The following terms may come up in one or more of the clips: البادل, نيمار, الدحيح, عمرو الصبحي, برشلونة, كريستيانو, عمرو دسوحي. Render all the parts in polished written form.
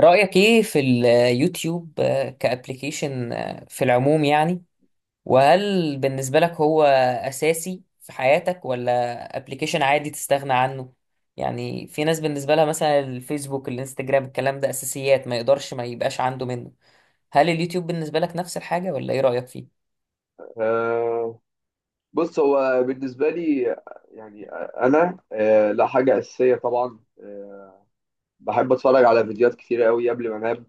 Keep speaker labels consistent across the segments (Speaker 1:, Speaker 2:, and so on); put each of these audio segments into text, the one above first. Speaker 1: رأيك ايه في اليوتيوب كأبليكيشن في العموم يعني؟ وهل بالنسبة لك هو أساسي في حياتك ولا أبليكيشن عادي تستغنى عنه؟ يعني في ناس بالنسبة لها مثلا الفيسبوك الانستجرام الكلام ده أساسيات ما يقدرش ما يبقاش عنده منه. هل اليوتيوب بالنسبة لك نفس الحاجة ولا ايه رأيك فيه؟
Speaker 2: آه، بص، هو بالنسبة لي، أنا، لا، حاجة أساسية طبعا بحب أتفرج على فيديوهات كتير قوي قبل ما أنام.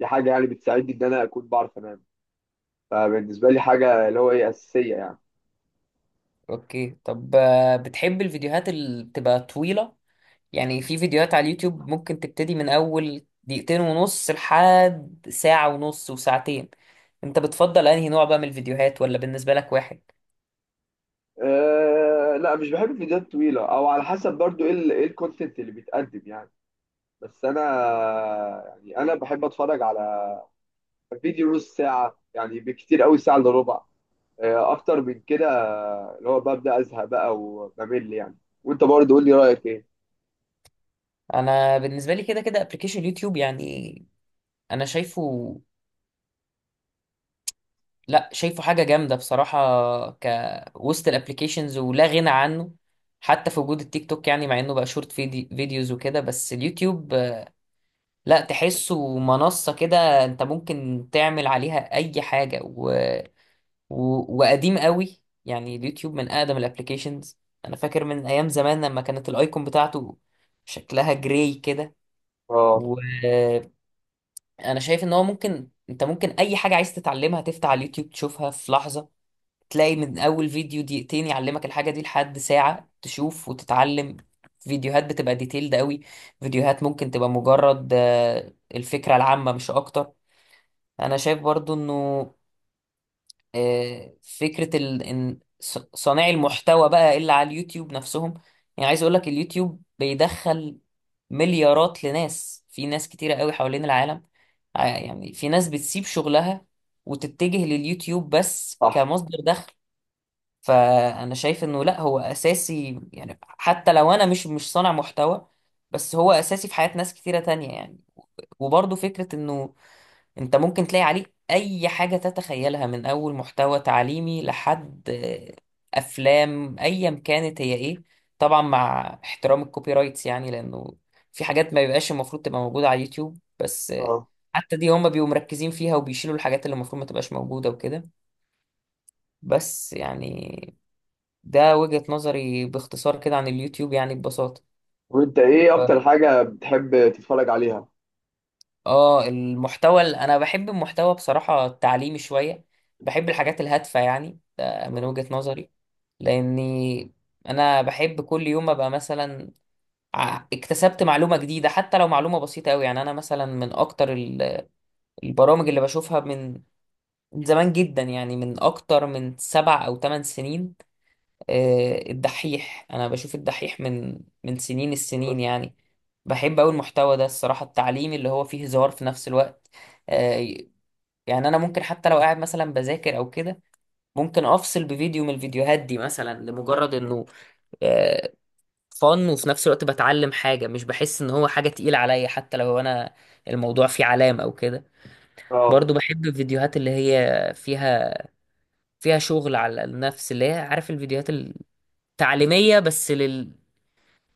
Speaker 2: دي حاجة يعني بتساعدني إن أنا أكون بعرف أنام. فبالنسبة لي حاجة اللي هو إيه أساسية يعني.
Speaker 1: اوكي. طب، بتحب الفيديوهات اللي بتبقى طويلة؟ يعني في فيديوهات على اليوتيوب ممكن تبتدي من اول دقيقتين ونص لحد ساعة ونص وساعتين. انت بتفضل انهي نوع بقى من الفيديوهات، ولا بالنسبة لك واحد؟
Speaker 2: أه، لا، مش بحب الفيديوهات الطويلة، أو على حسب برضو إيه إيه الكونتنت اللي بيتقدم يعني. بس أنا، يعني أنا بحب أتفرج على فيديو نص ساعة، يعني بكتير قوي ساعة إلا ربع. اكتر من كده اللي هو ببدا ازهق بقى وبمل يعني. وانت برضه قول لي رايك ايه؟
Speaker 1: انا بالنسبة لي كده كده ابلكيشن يوتيوب يعني. انا شايفه، لا، شايفه حاجة جامدة بصراحة كوسط الابلكيشنز، ولا غنى عنه. حتى في وجود التيك توك، يعني مع انه بقى شورت فيديوز وكده، بس اليوتيوب لا، تحسه منصة كده انت ممكن تعمل عليها اي حاجة و... وقديم قوي يعني. اليوتيوب من اقدم الابليكيشنز. انا فاكر من ايام زمان لما كانت الايكون بتاعته شكلها جراي كده.
Speaker 2: اه،
Speaker 1: وانا شايف ان هو ممكن انت ممكن اي حاجه عايز تتعلمها تفتح على اليوتيوب تشوفها في لحظه. تلاقي من اول فيديو دقيقتين يعلمك الحاجه دي لحد ساعه تشوف وتتعلم. فيديوهات بتبقى ديتيلد قوي. فيديوهات ممكن تبقى مجرد الفكره العامه مش اكتر. انا شايف برضو انه فكرة ال... إن صانعي المحتوى بقى اللي على اليوتيوب نفسهم، يعني عايز أقولك اليوتيوب بيدخل مليارات لناس. في ناس كتيرة قوي حوالين العالم، يعني في ناس بتسيب شغلها وتتجه لليوتيوب بس
Speaker 2: صح.
Speaker 1: كمصدر دخل. فأنا شايف إنه لأ، هو أساسي، يعني حتى لو أنا مش صانع محتوى، بس هو أساسي في حياة ناس كتيرة تانية يعني. وبرضه فكرة إنه انت ممكن تلاقي عليه اي حاجة تتخيلها، من اول محتوى تعليمي لحد افلام ايا كانت هي ايه. طبعا مع احترام الكوبي رايتس يعني، لانه في حاجات ما بيبقاش المفروض تبقى موجودة على اليوتيوب، بس
Speaker 2: اه،
Speaker 1: حتى دي هما بيبقوا مركزين فيها وبيشيلوا الحاجات اللي المفروض ما تبقاش موجودة وكده. بس يعني ده وجهة نظري باختصار كده عن اليوتيوب، يعني ببساطة.
Speaker 2: وانت، ايه اكتر حاجه بتحب تتفرج عليها؟
Speaker 1: اه، المحتوى انا بحب المحتوى بصراحة التعليمي شوية. بحب الحاجات الهادفة، يعني ده من
Speaker 2: اه.
Speaker 1: وجهة نظري. لاني انا بحب كل يوم ابقى مثلا اكتسبت معلومة جديدة، حتى لو معلومة بسيطة قوي. يعني انا مثلا من اكتر البرامج اللي بشوفها من من زمان جدا، يعني من اكتر من سبع او ثمان سنين. الدحيح انا بشوف الدحيح من من سنين السنين
Speaker 2: اه.
Speaker 1: يعني. بحب قوي المحتوى ده الصراحة التعليمي، اللي هو فيه هزار في نفس الوقت. آه، يعني انا ممكن حتى لو قاعد مثلا بذاكر او كده ممكن افصل بفيديو من الفيديوهات دي، مثلا لمجرد انه فن، وفي نفس الوقت بتعلم حاجة مش بحس ان هو حاجة تقيلة عليا حتى لو انا الموضوع فيه علام او كده.
Speaker 2: اه.
Speaker 1: برضو بحب الفيديوهات اللي هي فيها فيها شغل على النفس، اللي هي عارف، الفيديوهات التعليمية، بس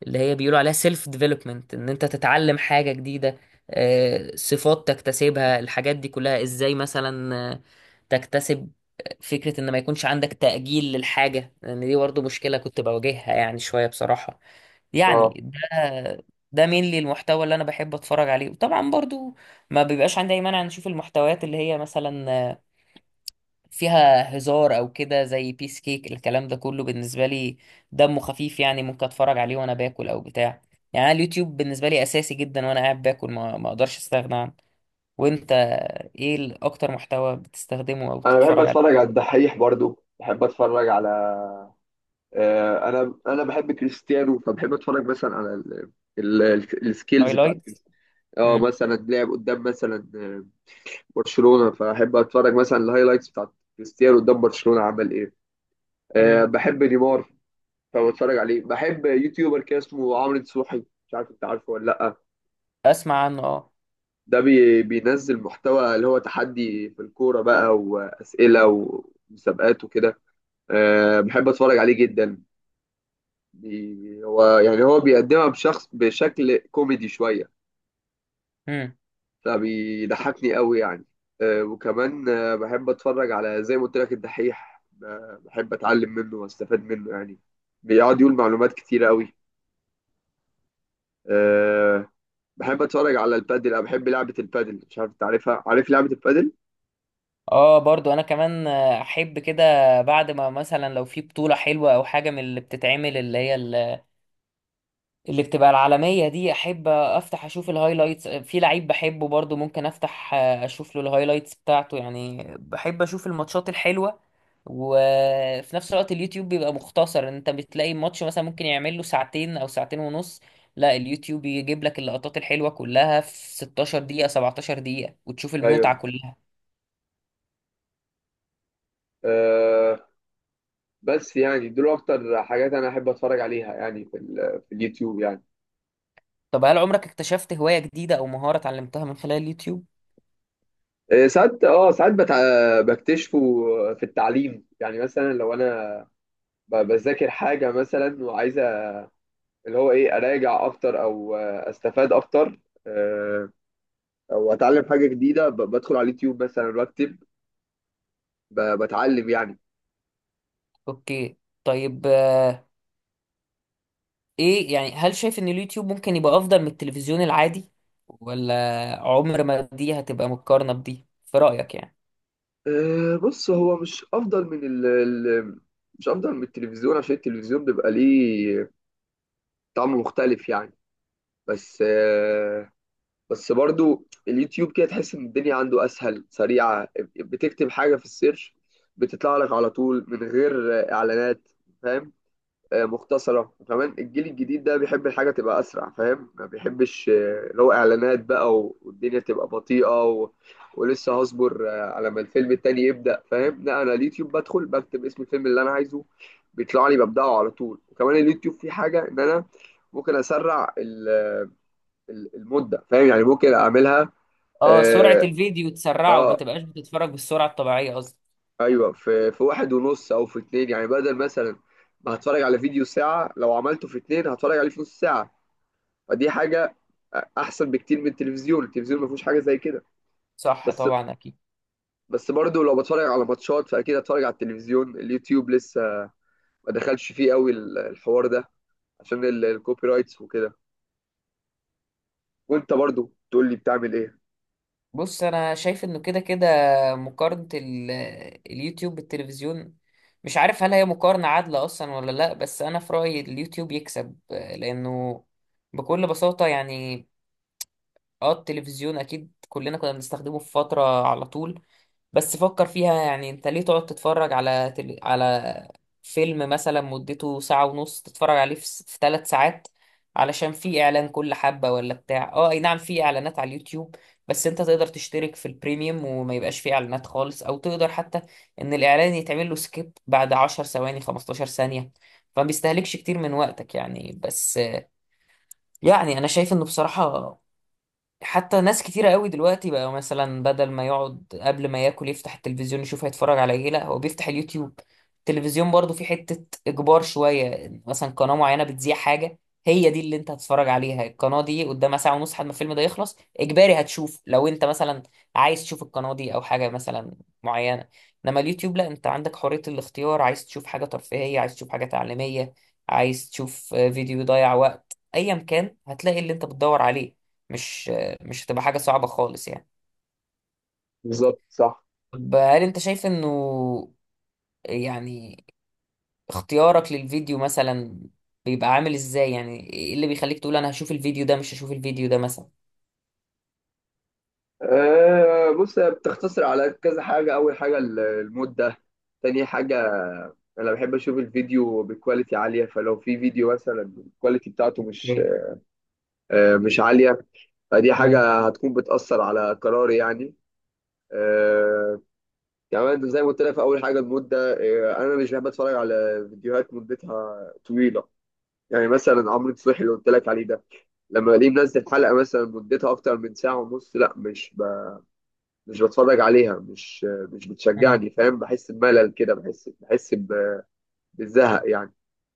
Speaker 1: اللي هي بيقولوا عليها سيلف ديفلوبمنت، ان انت تتعلم حاجة جديدة، صفات تكتسبها، الحاجات دي كلها ازاي مثلا، تكتسب فكرة ان ما يكونش عندك تأجيل للحاجة، لان دي برضه مشكلة كنت بواجهها يعني شوية بصراحة يعني.
Speaker 2: آه.
Speaker 1: ده ده مين لي المحتوى اللي انا بحب اتفرج عليه. وطبعا برضو ما بيبقاش عندي اي مانع نشوف المحتويات اللي هي مثلا فيها هزار او كده، زي بيس كيك. الكلام ده كله بالنسبه لي دمه خفيف، يعني ممكن اتفرج عليه وانا باكل او بتاع. يعني أنا اليوتيوب بالنسبه لي اساسي جدا، وانا قاعد باكل ما اقدرش استغنى عنه. وانت ايه اكتر محتوى بتستخدمه او
Speaker 2: انا بحب
Speaker 1: بتتفرج
Speaker 2: اتفرج
Speaker 1: عليه؟
Speaker 2: على الدحيح، برضه بحب اتفرج على، انا بحب كريستيانو، فبحب اتفرج مثلا على السكيلز بتاعت
Speaker 1: هايلايتس.
Speaker 2: كريستيانو. اه،
Speaker 1: امم.
Speaker 2: مثلا لعب قدام مثلا برشلونة، فاحب اتفرج مثلا الهايلايتس بتاعت كريستيانو قدام برشلونة عمل ايه.
Speaker 1: امم.
Speaker 2: بحب نيمار فبتفرج عليه. بحب يوتيوبر كده اسمه عمرو دسوحي، مش عارف انت عارفه ولا لأ.
Speaker 1: اسمع عنه، اه.
Speaker 2: ده بينزل محتوى اللي هو تحدي في الكورة بقى، وأسئلة ومسابقات وكده. أه، بحب أتفرج عليه جدا. هو يعني، بيقدمها بشخص بشكل كوميدي شوية،
Speaker 1: امم.
Speaker 2: فبيضحكني قوي يعني. أه، وكمان أه بحب أتفرج على، زي ما قلت لك، الدحيح. بحب أتعلم منه وأستفاد منه يعني، بيقعد يقول معلومات كتيرة قوي. آه، بحب اتفرج على البادل، انا بحب لعبه البادل، مش عارف انت عارفها، عارف لعبه البادل.
Speaker 1: اه، برضو انا كمان احب كده. بعد ما مثلا لو في بطوله حلوه او حاجه من اللي بتتعمل، اللي هي اللي بتبقى العالمية دي، أحب أفتح أشوف الهايلايتس في لعيب بحبه. برضو ممكن أفتح أشوف له الهايلايتس بتاعته يعني. بحب أشوف الماتشات الحلوة. وفي نفس الوقت اليوتيوب بيبقى مختصر، أنت بتلاقي ماتش مثلا ممكن يعمل له ساعتين أو ساعتين ونص، لا، اليوتيوب يجيب لك اللقطات الحلوة كلها في 16 دقيقة 17 دقيقة وتشوف المتعة
Speaker 2: ايوه،
Speaker 1: كلها.
Speaker 2: أه. بس يعني دول اكتر حاجات انا احب اتفرج عليها يعني في اليوتيوب يعني.
Speaker 1: طب هل عمرك اكتشفت هواية جديدة أو مهارة اتعلمتها من خلال اليوتيوب؟
Speaker 2: ساعات، اه، ساعات بت- آه، بكتشفه في التعليم يعني. مثلا لو انا بذاكر حاجه مثلا، وعايزه اللي هو ايه اراجع اكتر، او استفاد اكتر، آه، او اتعلم حاجه جديده، بدخل على اليوتيوب مثلا واكتب، بتعلم يعني.
Speaker 1: أوكي. طيب، ايه يعني، هل شايف ان اليوتيوب ممكن يبقى افضل من التلفزيون العادي، ولا عمر ما دي هتبقى مقارنة بدي في رأيك يعني؟
Speaker 2: أه، بص، هو مش افضل من مش افضل من التلفزيون، عشان التلفزيون بيبقى ليه طعم مختلف يعني. بس أه بس برضو اليوتيوب كده تحس ان الدنيا عنده اسهل، سريعه، بتكتب حاجه في السيرش، بتطلع لك على طول من غير اعلانات، فاهم؟ مختصرة. وكمان الجيل الجديد ده بيحب الحاجة تبقى أسرع، فاهم، ما بيحبش اللي هو إعلانات بقى، والدنيا تبقى بطيئة ولسه هصبر على ما الفيلم التاني يبدأ، فاهم؟ لا، أنا اليوتيوب بدخل بكتب اسم الفيلم اللي أنا عايزه، بيطلع لي، ببدأه على طول. وكمان اليوتيوب فيه حاجة إن أنا ممكن أسرع المدة، فاهم يعني، ممكن أعملها.
Speaker 1: اه، سرعة
Speaker 2: آه,
Speaker 1: الفيديو تسرعه وما
Speaker 2: آه
Speaker 1: تبقاش بتتفرج بالسرعة الطبيعية قصدي.
Speaker 2: أيوه، في واحد ونص أو في اتنين، يعني بدل مثلا ما هتفرج على فيديو ساعة، لو عملته في اتنين هتفرج عليه في نص ساعة. ودي حاجه احسن بكتير من التلفزيون. التلفزيون ما فيهوش حاجه زي كده.
Speaker 1: صح
Speaker 2: بس
Speaker 1: طبعا، اكيد.
Speaker 2: بس برضه لو بتفرج على ماتشات فاكيد هتفرج على التلفزيون، اليوتيوب لسه ما دخلش فيه قوي الحوار ده، عشان الكوبي رايتس وكده. وانت برضه تقول لي بتعمل ايه؟
Speaker 1: بص انا شايف انه كده كده مقارنة اليوتيوب بالتلفزيون، مش عارف هل هي مقارنة عادلة اصلا ولا لا، بس انا في رأيي اليوتيوب يكسب، لانه بكل بساطة يعني. اه، التلفزيون اكيد كلنا كنا بنستخدمه في فترة على طول. بس فكر فيها، يعني انت ليه تقعد تتفرج على على فيلم مثلا مدته ساعة ونص، تتفرج عليه في ثلاث ساعات، علشان في اعلان كل حبة ولا بتاع؟ اه اي نعم، في اعلانات على اليوتيوب، بس انت تقدر تشترك في البريميوم وما يبقاش في اعلانات خالص، او تقدر حتى ان الاعلان يتعمل له سكيب بعد 10 ثواني 15 ثانية، فما بيستهلكش كتير من وقتك يعني. بس يعني انا شايف انه بصراحة حتى ناس كتيرة قوي دلوقتي بقى مثلا بدل ما يقعد قبل ما ياكل يفتح التلفزيون يشوف هيتفرج على ايه، لا، هو بيفتح اليوتيوب. التلفزيون برضو في حتة اجبار شوية، مثلا قناة معينة بتذيع حاجة، هي دي اللي انت هتتفرج عليها. القناة دي قدامها ساعة ونص لحد ما الفيلم ده يخلص اجباري هتشوف، لو انت مثلا عايز تشوف القناة دي او حاجة مثلا معينة. انما اليوتيوب لا، انت عندك حرية الاختيار، عايز تشوف حاجة ترفيهية، عايز تشوف حاجة تعليمية، عايز تشوف فيديو يضيع وقت ايا كان، هتلاقي اللي انت بتدور عليه. مش مش هتبقى حاجة صعبة خالص يعني.
Speaker 2: بالظبط، صح.
Speaker 1: طب هل انت شايف انه يعني اختيارك للفيديو مثلا بيبقى عامل ازاي، يعني ايه اللي بيخليك تقول انا هشوف الفيديو ده مش هشوف الفيديو ده مثلا؟
Speaker 2: أه، بص، هي بتختصر على كذا حاجه. اول حاجه المده. تاني حاجه، انا بحب اشوف الفيديو بكواليتي عاليه، فلو في فيديو مثلا الكواليتي بتاعته
Speaker 1: اوكي.
Speaker 2: مش عالية، فدي حاجة هتكون بتأثر على قراري يعني. آه، كمان زي ما قلت لك في أول حاجة، المدة. أنا مش بحب أتفرج على فيديوهات مدتها طويلة. يعني مثلا عمرو الصبحي اللي قلت لك عليه ده، لما الاقيه منزل حلقة مثلا مدتها أكتر من ساعة ونص، لا مش بتفرج عليها، مش
Speaker 1: مم.
Speaker 2: بتشجعني، فاهم؟ بحس بملل كده، بحس بالزهق يعني.